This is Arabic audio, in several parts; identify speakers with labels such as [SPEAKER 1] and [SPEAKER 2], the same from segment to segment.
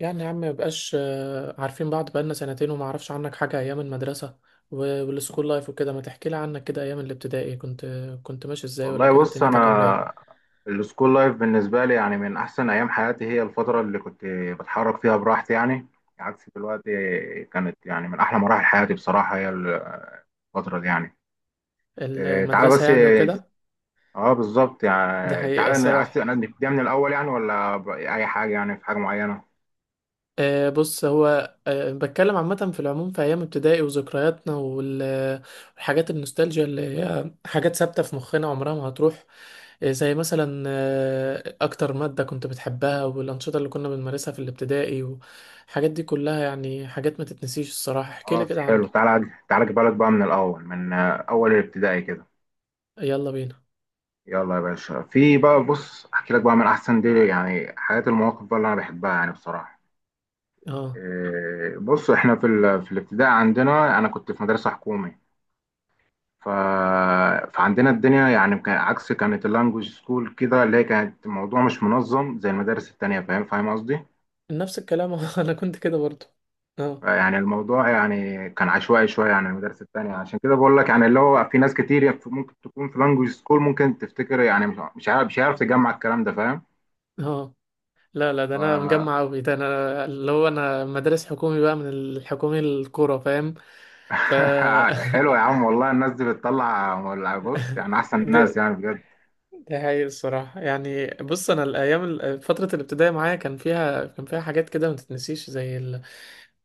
[SPEAKER 1] يعني يا عم مبقاش، عارفين بعض بقالنا سنتين وما اعرفش عنك حاجة ايام المدرسة والسكول لايف وكده. ما تحكي لي عنك كده، ايام الابتدائي كنت ماشي ازاي، ولا
[SPEAKER 2] والله
[SPEAKER 1] كانت
[SPEAKER 2] بص
[SPEAKER 1] دنيتك عاملة
[SPEAKER 2] انا
[SPEAKER 1] ايه؟
[SPEAKER 2] السكول لايف بالنسبه لي يعني من احسن ايام حياتي، هي الفتره اللي كنت بتحرك فيها براحتي يعني عكس دلوقتي. كانت يعني من احلى مراحل حياتي بصراحه، هي الفتره دي يعني. إيه، تعالى
[SPEAKER 1] المدرسة
[SPEAKER 2] بس.
[SPEAKER 1] يعني وكده.
[SPEAKER 2] اه بالظبط
[SPEAKER 1] دي
[SPEAKER 2] يعني
[SPEAKER 1] حقيقة
[SPEAKER 2] تعالى، عايز
[SPEAKER 1] الصراحة.
[SPEAKER 2] انا نبتدي من الاول يعني ولا اي حاجه يعني في حاجه معينه.
[SPEAKER 1] بص، هو بتكلم عامة في العموم في أيام ابتدائي وذكرياتنا والحاجات النوستالجيا اللي هي حاجات ثابتة في مخنا، عمرها ما هتروح. زي مثلا أكتر مادة كنت بتحبها، والأنشطة اللي كنا بنمارسها في الابتدائي، والحاجات دي كلها، يعني حاجات ما تتنسيش الصراحة. احكيلي
[SPEAKER 2] خلاص
[SPEAKER 1] كده
[SPEAKER 2] حلو،
[SPEAKER 1] عنك.
[SPEAKER 2] تعالى تعالى اجيب لك بقى من الاول، من اول الابتدائي كده.
[SPEAKER 1] يلا بينا.
[SPEAKER 2] يلا يا باشا. في بقى بص احكي لك بقى من احسن دي يعني حياتي، المواقف بقى اللي انا بحبها يعني بصراحه.
[SPEAKER 1] اه،
[SPEAKER 2] إيه، بص احنا في في الابتدائي عندنا انا كنت في مدرسه حكومي. ف... فعندنا الدنيا يعني كان عكس، كانت اللانجوج سكول كده اللي هي كانت الموضوع مش منظم زي المدارس التانية. فاهم، فاهم قصدي.
[SPEAKER 1] نفس الكلام أنا كنت كده برضو. اه.
[SPEAKER 2] يعني الموضوع يعني كان عشوائي شويه عن المدارس التانية. عشان كده بقول لك يعني اللي هو في ناس كتير ممكن تكون في لانجوج سكول ممكن تفتكر يعني مش عارف تجمع الكلام ده. فاهم.
[SPEAKER 1] اه، لا لا، ده انا
[SPEAKER 2] ف
[SPEAKER 1] مجمع قوي، ده انا اللي هو، انا مدارس حكومي بقى، من الحكومي الكوره، فاهم. ف
[SPEAKER 2] حلو يا عم والله، الناس دي بتطلع بص يعني احسن ناس
[SPEAKER 1] ده
[SPEAKER 2] يعني بجد.
[SPEAKER 1] ده هي الصراحه. يعني، بص، انا الايام، فتره الابتدائي معايا، كان فيها حاجات كده ما تتنسيش، زي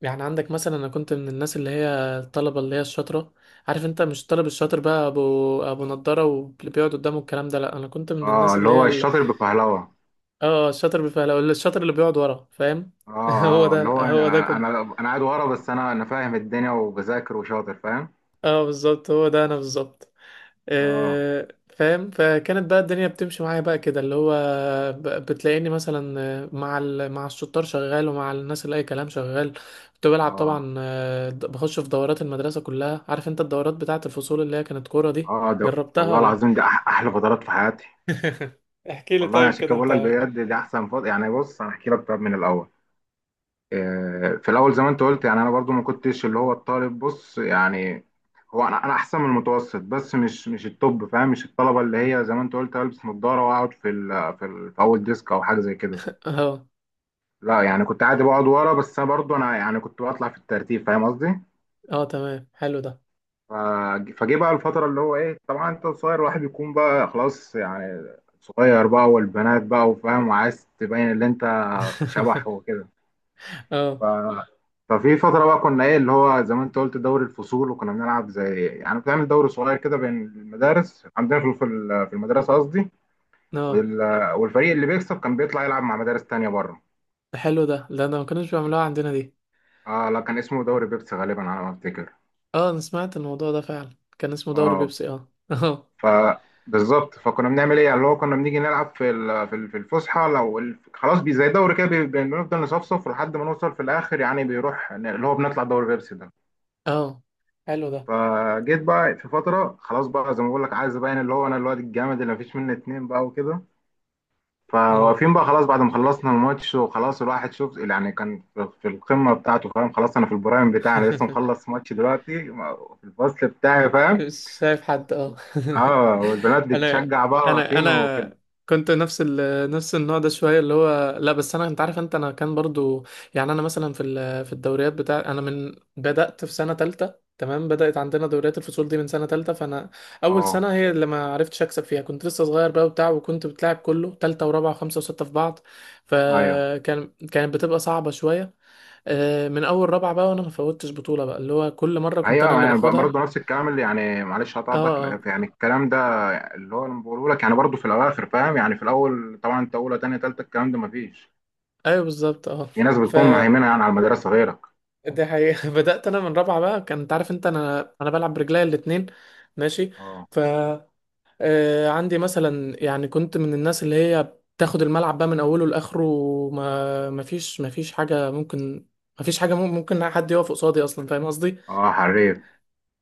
[SPEAKER 1] يعني عندك مثلا، انا كنت من الناس اللي هي الطلبه اللي هي الشاطره. عارف انت؟ مش الطالب الشاطر بقى، ابو نضاره واللي بيقعد قدامه، الكلام ده لا، انا كنت من
[SPEAKER 2] اه،
[SPEAKER 1] الناس
[SPEAKER 2] اللي
[SPEAKER 1] اللي هي
[SPEAKER 2] هو الشاطر بفهلوه.
[SPEAKER 1] اه، الشاطر بالفعل، أو الشاطر اللي بيقعد ورا، فاهم.
[SPEAKER 2] اه
[SPEAKER 1] هو
[SPEAKER 2] اه، اللي
[SPEAKER 1] ده،
[SPEAKER 2] هو
[SPEAKER 1] هو ده
[SPEAKER 2] انا
[SPEAKER 1] كنت.
[SPEAKER 2] انا أنا قاعد ورا بس انا فاهم الدنيا وبذاكر وشاطر. فاهم.
[SPEAKER 1] اه بالظبط، هو ده انا بالظبط.
[SPEAKER 2] اه
[SPEAKER 1] آه، فاهم. فكانت بقى الدنيا بتمشي معايا بقى، كده اللي هو بتلاقيني مثلا مع مع الشطار شغال، ومع الناس اللي اي كلام شغال. كنت بلعب
[SPEAKER 2] اه
[SPEAKER 1] طبعا، بخش في دورات المدرسة كلها. عارف انت الدورات بتاعة الفصول اللي هي كانت كورة دي؟
[SPEAKER 2] اه، ده
[SPEAKER 1] جربتها
[SPEAKER 2] والله
[SPEAKER 1] ولا؟
[SPEAKER 2] العظيم دي احلى فترات في حياتي.
[SPEAKER 1] احكي لي
[SPEAKER 2] والله
[SPEAKER 1] طيب
[SPEAKER 2] عشان
[SPEAKER 1] كده
[SPEAKER 2] كده بقول لك
[SPEAKER 1] انت.
[SPEAKER 2] بجد دي احسن فتره يعني. بص انا احكي لك طب من الاول. في الاول زي ما انت قلت يعني انا برضو ما كنتش اللي هو الطالب بص يعني. هو انا احسن من المتوسط، بس مش التوب فاهم. مش الطلبه اللي هي زي ما انت قلت البس نظاره واقعد في اول ديسك او حاجه زي كده.
[SPEAKER 1] اه
[SPEAKER 2] لا يعني كنت عادي بقعد ورا، بس انا برضو انا يعني كنت بطلع في الترتيب. فاهم قصدي.
[SPEAKER 1] اه تمام، حلو ده.
[SPEAKER 2] ف- فجه بقى الفترة اللي هو ايه، طبعا انت صغير الواحد بيكون بقى خلاص يعني صغير بقى، والبنات بقى وفاهم وعايز تبين اللي انت شبح وكده. ف...
[SPEAKER 1] اه.
[SPEAKER 2] ففي فترة بقى كنا ايه، اللي هو زي ما انت قلت دوري الفصول، وكنا بنلعب زي يعني بتعمل دوري صغير كده بين المدارس عندنا في في المدرسة قصدي.
[SPEAKER 1] اه
[SPEAKER 2] وال... والفريق اللي بيكسب كان بيطلع يلعب مع مدارس تانية بره.
[SPEAKER 1] حلو ده، لا انا ما كانوش بيعملوها عندنا دي.
[SPEAKER 2] اه لا، كان اسمه دوري بيبسي غالبا على ما افتكر.
[SPEAKER 1] اه، انا سمعت الموضوع ده فعلا، كان اسمه دوري
[SPEAKER 2] اه،
[SPEAKER 1] بيبسي، اه اه.
[SPEAKER 2] فبالظبط فكنا بنعمل ايه يعني، اللي هو كنا بنيجي نلعب في في الفسحه، لو خلاص بي زي دوري كده بنفضل نصفصف لحد ما نوصل في الاخر يعني بيروح اللي هو بنطلع دوري بيبسي ده.
[SPEAKER 1] اه حلو ده.
[SPEAKER 2] فجيت بقى في فتره خلاص بقى، زي ما بقول لك عايز ابين اللي هو انا الواد الجامد اللي مفيش منه اتنين بقى وكده.
[SPEAKER 1] اه
[SPEAKER 2] فواقفين بقى خلاص بعد ما خلصنا الماتش وخلاص، الواحد شوف يعني كان في القمه بتاعته فاهم. خلاص انا في البرايم بتاعي، انا لسه مخلص ماتش دلوقتي في الفصل بتاعي. فاهم.
[SPEAKER 1] مش شايف حد. اه
[SPEAKER 2] اه، والبنات
[SPEAKER 1] انا
[SPEAKER 2] بتشجع بقى
[SPEAKER 1] انا
[SPEAKER 2] واقفين وكده.
[SPEAKER 1] انا كنت نفس نفس النوع ده شويه، اللي هو لا، بس انا، انت عارف انت، انا كان برضو. يعني انا مثلا في في الدوريات بتاع انا، من بدات في سنه تالتة، تمام؟ بدات عندنا دوريات الفصول دي من سنه تالتة، فانا اول
[SPEAKER 2] اه
[SPEAKER 1] سنه هي اللي ما عرفتش اكسب فيها، كنت لسه صغير بقى وبتاع، وكنت بتلعب كله تالتة ورابعه وخمسه وسته في بعض.
[SPEAKER 2] ايوه
[SPEAKER 1] كانت بتبقى صعبه شويه. من اول رابعه بقى، وانا ما فوتش بطوله بقى، اللي هو كل مره كنت انا
[SPEAKER 2] ايوه
[SPEAKER 1] اللي
[SPEAKER 2] يعني
[SPEAKER 1] باخدها.
[SPEAKER 2] برضه نفس الكلام اللي يعني معلش
[SPEAKER 1] اه. آه.
[SPEAKER 2] هتقطعك يعني الكلام ده. اللي هو انا بقوله لك يعني برضه في الاواخر فاهم. يعني في الاول طبعا انت اولى تانية تالتة الكلام ده مفيش.
[SPEAKER 1] ايوه بالظبط، اه.
[SPEAKER 2] في ناس
[SPEAKER 1] ف،
[SPEAKER 2] بتكون مهيمنه يعني على المدرسه غيرك.
[SPEAKER 1] دي حقيقة بدأت انا من رابعة بقى، كان، انت عارف انت، انا بلعب برجلي الاتنين، ماشي.
[SPEAKER 2] اه،
[SPEAKER 1] ف عندي مثلا، يعني كنت من الناس اللي هي بتاخد الملعب بقى من اوله لاخره، وما ما فيش ما فيش حاجة ممكن، ما فيش حاجة مم- ممكن حد يقف قصادي اصلا، فاهم قصدي.
[SPEAKER 2] اه حريف.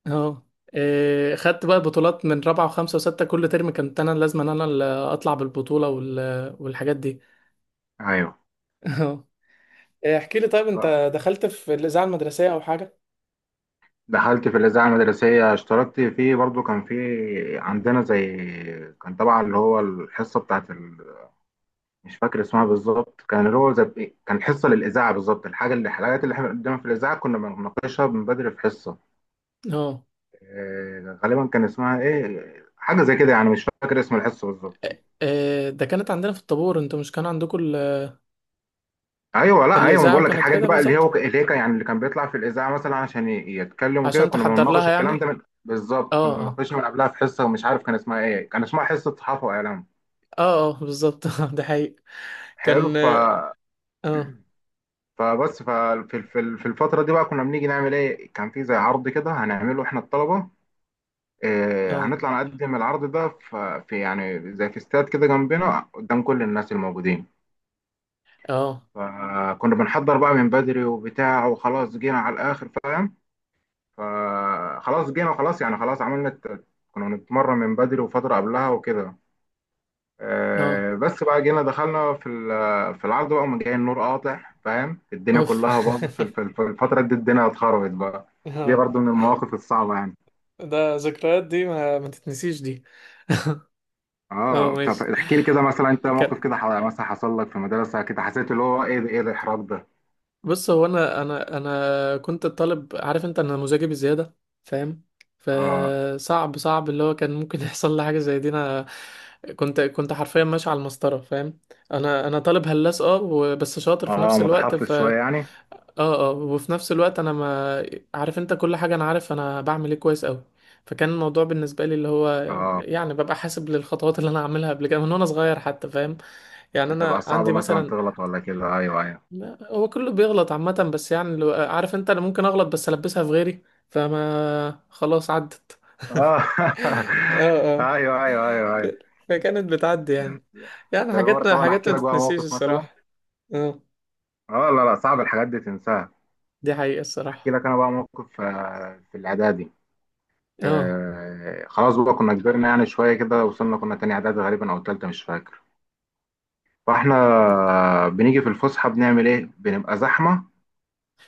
[SPEAKER 1] اه. خدت بقى بطولات من رابعة وخمسة وستة، كل ترم كنت انا لازم انا اللي اطلع بالبطولة والحاجات دي.
[SPEAKER 2] ايوه.
[SPEAKER 1] اه. احكي لي طيب،
[SPEAKER 2] آه.
[SPEAKER 1] انت دخلت في الإذاعة المدرسية او حاجة؟
[SPEAKER 2] دخلت في الاذاعه المدرسيه، اشتركت فيه برضه. كان في عندنا زي، كان طبعا اللي هو الحصه مش فاكر اسمها بالظبط. كان اللي هو زي كان حصه للاذاعه بالظبط، الحاجه اللي الحاجات اللي احنا بنقدمها في الاذاعه كنا بنناقشها من بدري في حصه.
[SPEAKER 1] اه.
[SPEAKER 2] غالبا كان اسمها ايه حاجه زي كده يعني مش فاكر اسم الحصه بالظبط.
[SPEAKER 1] ده كانت عندنا في الطابور، انتوا مش كان عندكم
[SPEAKER 2] ايوه لا ايوه، ما
[SPEAKER 1] الإذاعة
[SPEAKER 2] بقول لك
[SPEAKER 1] كانت
[SPEAKER 2] الحاجات
[SPEAKER 1] كده
[SPEAKER 2] دي بقى اللي
[SPEAKER 1] بالظبط
[SPEAKER 2] هو اللي هي يعني اللي كان بيطلع في الاذاعه مثلا عشان يتكلم وكده،
[SPEAKER 1] عشان
[SPEAKER 2] كنا
[SPEAKER 1] تحضر
[SPEAKER 2] بنناقش
[SPEAKER 1] لها يعني.
[SPEAKER 2] الكلام ده من بالظبط كنا
[SPEAKER 1] اه اه.
[SPEAKER 2] بنناقشها من قبلها في حصه، ومش عارف كان اسمها ايه. كان اسمها حصه صحافه واعلام.
[SPEAKER 1] اه اه بالظبط ده حقيقي
[SPEAKER 2] حلو.
[SPEAKER 1] كان.
[SPEAKER 2] ف
[SPEAKER 1] اه اه
[SPEAKER 2] فبس ففي في في الفتره دي بقى كنا بنيجي نعمل ايه، كان في زي عرض كده هنعمله احنا الطلبه.
[SPEAKER 1] اه
[SPEAKER 2] هنطلع نقدم العرض ده في يعني زي في استاد كده جنبنا قدام كل الناس الموجودين.
[SPEAKER 1] اه.
[SPEAKER 2] فكنا بنحضر بقى من بدري وبتاع، وخلاص جينا على الآخر فاهم. فخلاص جينا وخلاص يعني خلاص عملنا كنا بنتمرن من بدري وفترة قبلها وكده.
[SPEAKER 1] آه.
[SPEAKER 2] بس بقى جينا دخلنا في في العرض بقى ومن جاي النور قاطع فاهم. الدنيا
[SPEAKER 1] اوف
[SPEAKER 2] كلها باظت في في الفترة دي الدنيا اتخربت بقى. دي
[SPEAKER 1] اه.
[SPEAKER 2] برضو من المواقف الصعبة يعني.
[SPEAKER 1] ده ذكريات، دي ما تتنسيش دي. اه
[SPEAKER 2] اه طب
[SPEAKER 1] ماشي.
[SPEAKER 2] احكي لي كده مثلا انت
[SPEAKER 1] كان،
[SPEAKER 2] موقف كده مثلا حصل لك في المدرسة كده حسيت اللي هو ايه ده ايه الاحراج ده.
[SPEAKER 1] بص، هو انا كنت الطالب، عارف انت، انا مزاجي بزياده، فاهم.
[SPEAKER 2] اه
[SPEAKER 1] فصعب صعب اللي هو، كان ممكن يحصل لي حاجه زي دي انا. كنت حرفيا ماشي على المسطره، فاهم. انا طالب هلاس، اه، بس شاطر في
[SPEAKER 2] اه،
[SPEAKER 1] نفس الوقت.
[SPEAKER 2] متحفظ
[SPEAKER 1] ف
[SPEAKER 2] شوية
[SPEAKER 1] اه
[SPEAKER 2] يعني.
[SPEAKER 1] اه، وفي نفس الوقت انا ما، عارف انت، كل حاجه انا عارف انا بعمل ايه كويس قوي. فكان الموضوع بالنسبه لي اللي هو،
[SPEAKER 2] اه،
[SPEAKER 1] يعني، ببقى حاسب للخطوات اللي انا هعملها قبل كده، من وانا صغير حتى، فاهم، يعني
[SPEAKER 2] بتبقى
[SPEAKER 1] انا
[SPEAKER 2] صعبة
[SPEAKER 1] عندي
[SPEAKER 2] مثلا
[SPEAKER 1] مثلا.
[SPEAKER 2] تغلط ولا كده. أيوه أيوه.
[SPEAKER 1] لا، هو كله بيغلط عامة، بس يعني لو، عارف انت، انا ممكن اغلط بس البسها في غيري، فما خلاص عدت.
[SPEAKER 2] آه
[SPEAKER 1] اه اه.
[SPEAKER 2] أيوه أيوه أيوه أيوه.
[SPEAKER 1] فكانت بتعدي يعني، يعني
[SPEAKER 2] ده مرة
[SPEAKER 1] حاجات
[SPEAKER 2] طبعا
[SPEAKER 1] حاجات
[SPEAKER 2] أحكي
[SPEAKER 1] ما
[SPEAKER 2] لك بقى
[SPEAKER 1] تتنسيش
[SPEAKER 2] موقف مثلا.
[SPEAKER 1] الصراحة. اه،
[SPEAKER 2] لا لا صعب الحاجات دي تنساها.
[SPEAKER 1] دي حقيقة
[SPEAKER 2] أحكي
[SPEAKER 1] الصراحة.
[SPEAKER 2] لك أنا بقى موقف في الإعدادي.
[SPEAKER 1] اه
[SPEAKER 2] خلاص بقى كنا كبرنا يعني شوية كده، وصلنا كنا تاني إعدادي غالبا أو تالتة مش فاكر. فإحنا بنيجي في الفسحة بنعمل إيه؟ بنبقى زحمة.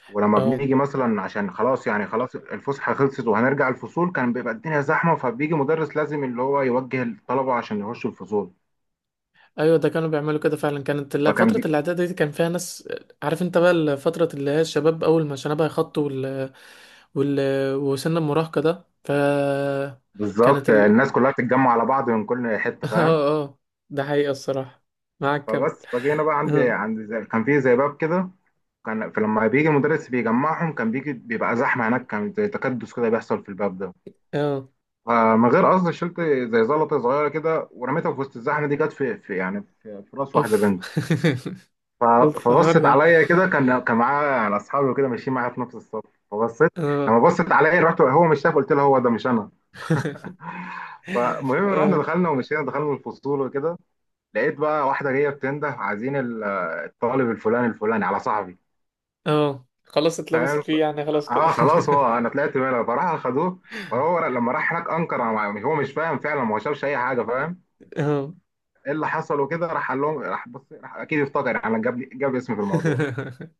[SPEAKER 2] ولما
[SPEAKER 1] اه
[SPEAKER 2] بنيجي مثلا عشان خلاص يعني خلاص الفسحة خلصت وهنرجع الفصول كان بيبقى الدنيا زحمة. فبيجي مدرس لازم اللي هو يوجه الطلبة عشان يخشوا الفصول.
[SPEAKER 1] ايوه، ده كانوا بيعملوا كده فعلا. كانت
[SPEAKER 2] فكان
[SPEAKER 1] فترة
[SPEAKER 2] بي...
[SPEAKER 1] الاعداد دي كان فيها ناس، عارف انت بقى، فترة اللي هي الشباب اول ما شنبها يخط وال... وسن المراهقة ده. ف كانت
[SPEAKER 2] بالظبط الناس كلها بتتجمع على بعض من كل حته
[SPEAKER 1] اه
[SPEAKER 2] فاهم.
[SPEAKER 1] اه. ده حقيقة الصراحة. معاك كم؟
[SPEAKER 2] فجينا بقى عندي
[SPEAKER 1] اه.
[SPEAKER 2] عند كان في زي باب كده. كان فلما بيجي المدرس بيجمعهم كان بيجي بيبقى زحمه هناك، كان زي تكدس كده بيحصل في الباب ده.
[SPEAKER 1] اه.
[SPEAKER 2] فمن غير قصد شلت زي زلطه صغيره كده ورميتها في وسط الزحمه دي، جت في يعني في راس واحده
[SPEAKER 1] اوف
[SPEAKER 2] بنت. ف-
[SPEAKER 1] اوف حوار
[SPEAKER 2] فبصت
[SPEAKER 1] ده.
[SPEAKER 2] عليا كده، كان معاه يعني اصحابي وكده ماشيين معايا في نفس الصف. فبصيت
[SPEAKER 1] اه
[SPEAKER 2] لما بصت عليا رحت، هو مش شايف، قلت له هو ده مش انا. فالمهم رحنا
[SPEAKER 1] اه
[SPEAKER 2] دخلنا ومشينا دخلنا الفصول وكده. لقيت بقى واحده جايه بتنده عايزين الطالب الفلاني الفلاني على صاحبي
[SPEAKER 1] اه خلاص اتلبست
[SPEAKER 2] فاهم.
[SPEAKER 1] فيه يعني، خلاص كده.
[SPEAKER 2] اه خلاص هو انا طلعت بالها فراح خدوه. فهو لما راح هناك انكر هو مش فاهم فعلا، ما هو شافش اي حاجه فاهم.
[SPEAKER 1] اه
[SPEAKER 2] ايه اللي حصل وكده، راح قال لهم راح بص راح اكيد افتكر يعني جاب اسمي في الموضوع.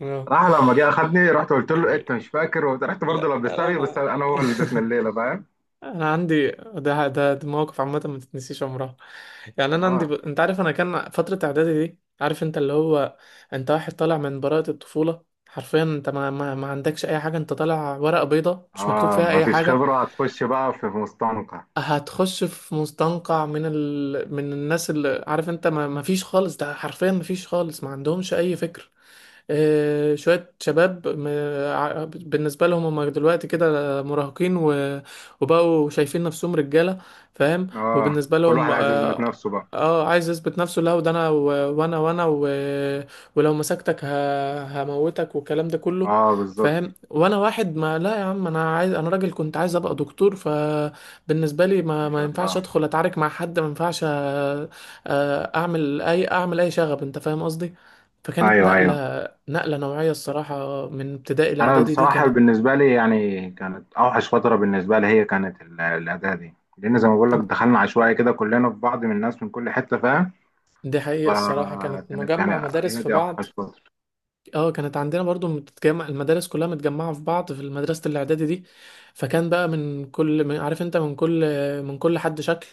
[SPEAKER 1] اه.
[SPEAKER 2] راح لما جه اخدني، رحت قلت له إيه، انت مش فاكر، رحت برضه
[SPEAKER 1] لا
[SPEAKER 2] لبستها
[SPEAKER 1] لا،
[SPEAKER 2] فيه، بس
[SPEAKER 1] انا
[SPEAKER 2] انا هو اللي لبسنا الليله فاهم.
[SPEAKER 1] انا عندي ده مواقف عامه ما تتنسيش عمرها. يعني انا عندي
[SPEAKER 2] اه
[SPEAKER 1] انت عارف، انا كان فتره اعدادي دي، عارف انت اللي هو، انت واحد طالع من براءه الطفوله حرفيا، انت ما عندكش اي حاجه، انت طالع ورقه بيضه مش مكتوب
[SPEAKER 2] اه،
[SPEAKER 1] فيها اي
[SPEAKER 2] مفيش
[SPEAKER 1] حاجه.
[SPEAKER 2] خبره هتخش بقى في مستنقع.
[SPEAKER 1] هتخش في مستنقع من من الناس اللي، عارف انت، ما فيش خالص، ده حرفيا ما فيش خالص، ما عندهمش اي فكرة. شوية شباب، بالنسبة لهم هم دلوقتي كده مراهقين، وبقوا شايفين نفسهم رجالة، فاهم.
[SPEAKER 2] اه،
[SPEAKER 1] وبالنسبة
[SPEAKER 2] كل
[SPEAKER 1] لهم
[SPEAKER 2] واحد عايز يثبت
[SPEAKER 1] اه،
[SPEAKER 2] نفسه بقى.
[SPEAKER 1] عايز يثبت نفسه، لا، وده انا ولو مسكتك هموتك والكلام ده كله،
[SPEAKER 2] اه بالظبط.
[SPEAKER 1] فاهم. وانا واحد ما، لا يا عم، انا عايز، انا راجل، كنت عايز ابقى دكتور. فبالنسبة لي ما
[SPEAKER 2] ما
[SPEAKER 1] ما
[SPEAKER 2] شاء
[SPEAKER 1] ينفعش
[SPEAKER 2] الله.
[SPEAKER 1] ادخل اتعارك مع حد، ما ينفعش، اعمل اي شغب، انت فاهم قصدي. فكانت
[SPEAKER 2] ايوه ايوه.
[SPEAKER 1] نقلة نوعية الصراحة، من ابتدائي
[SPEAKER 2] انا
[SPEAKER 1] لإعدادي دي
[SPEAKER 2] بصراحه
[SPEAKER 1] كانت.
[SPEAKER 2] بالنسبه لي يعني كانت اوحش فتره بالنسبه لي، هي كانت الاداه دي لان زي ما بقول لك دخلنا عشوائي كده كلنا في بعض من الناس من كل حته فاهم.
[SPEAKER 1] دي حقيقة الصراحة، كانت
[SPEAKER 2] فكانت يعني
[SPEAKER 1] مجمع مدارس
[SPEAKER 2] هي
[SPEAKER 1] في
[SPEAKER 2] دي
[SPEAKER 1] بعض.
[SPEAKER 2] اوحش فتره.
[SPEAKER 1] اه، كانت عندنا برضو متجمع، المدارس كلها متجمعة في بعض في مدرسة الإعدادي دي. فكان بقى من كل، من، عارف انت، من كل حد شكل،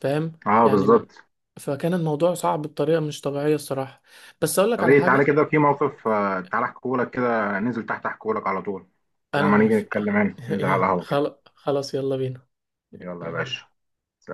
[SPEAKER 1] فاهم،
[SPEAKER 2] اه
[SPEAKER 1] يعني.
[SPEAKER 2] بالظبط.
[SPEAKER 1] فكان الموضوع صعب بطريقة مش طبيعية الصراحة. بس أقولك
[SPEAKER 2] طب
[SPEAKER 1] على
[SPEAKER 2] ايه تعالى
[SPEAKER 1] حاجة.
[SPEAKER 2] كده في موقف تعالى احكيهولك كده، ننزل تحت احكيهولك على طول، بدل
[SPEAKER 1] أنا
[SPEAKER 2] ما نيجي
[SPEAKER 1] موافق
[SPEAKER 2] نتكلم هنا ننزل على
[SPEAKER 1] يا
[SPEAKER 2] القهوة كده.
[SPEAKER 1] خلاص خلاص، يلا بينا.
[SPEAKER 2] يلا يا باشا.
[SPEAKER 1] يلا.
[SPEAKER 2] سلام.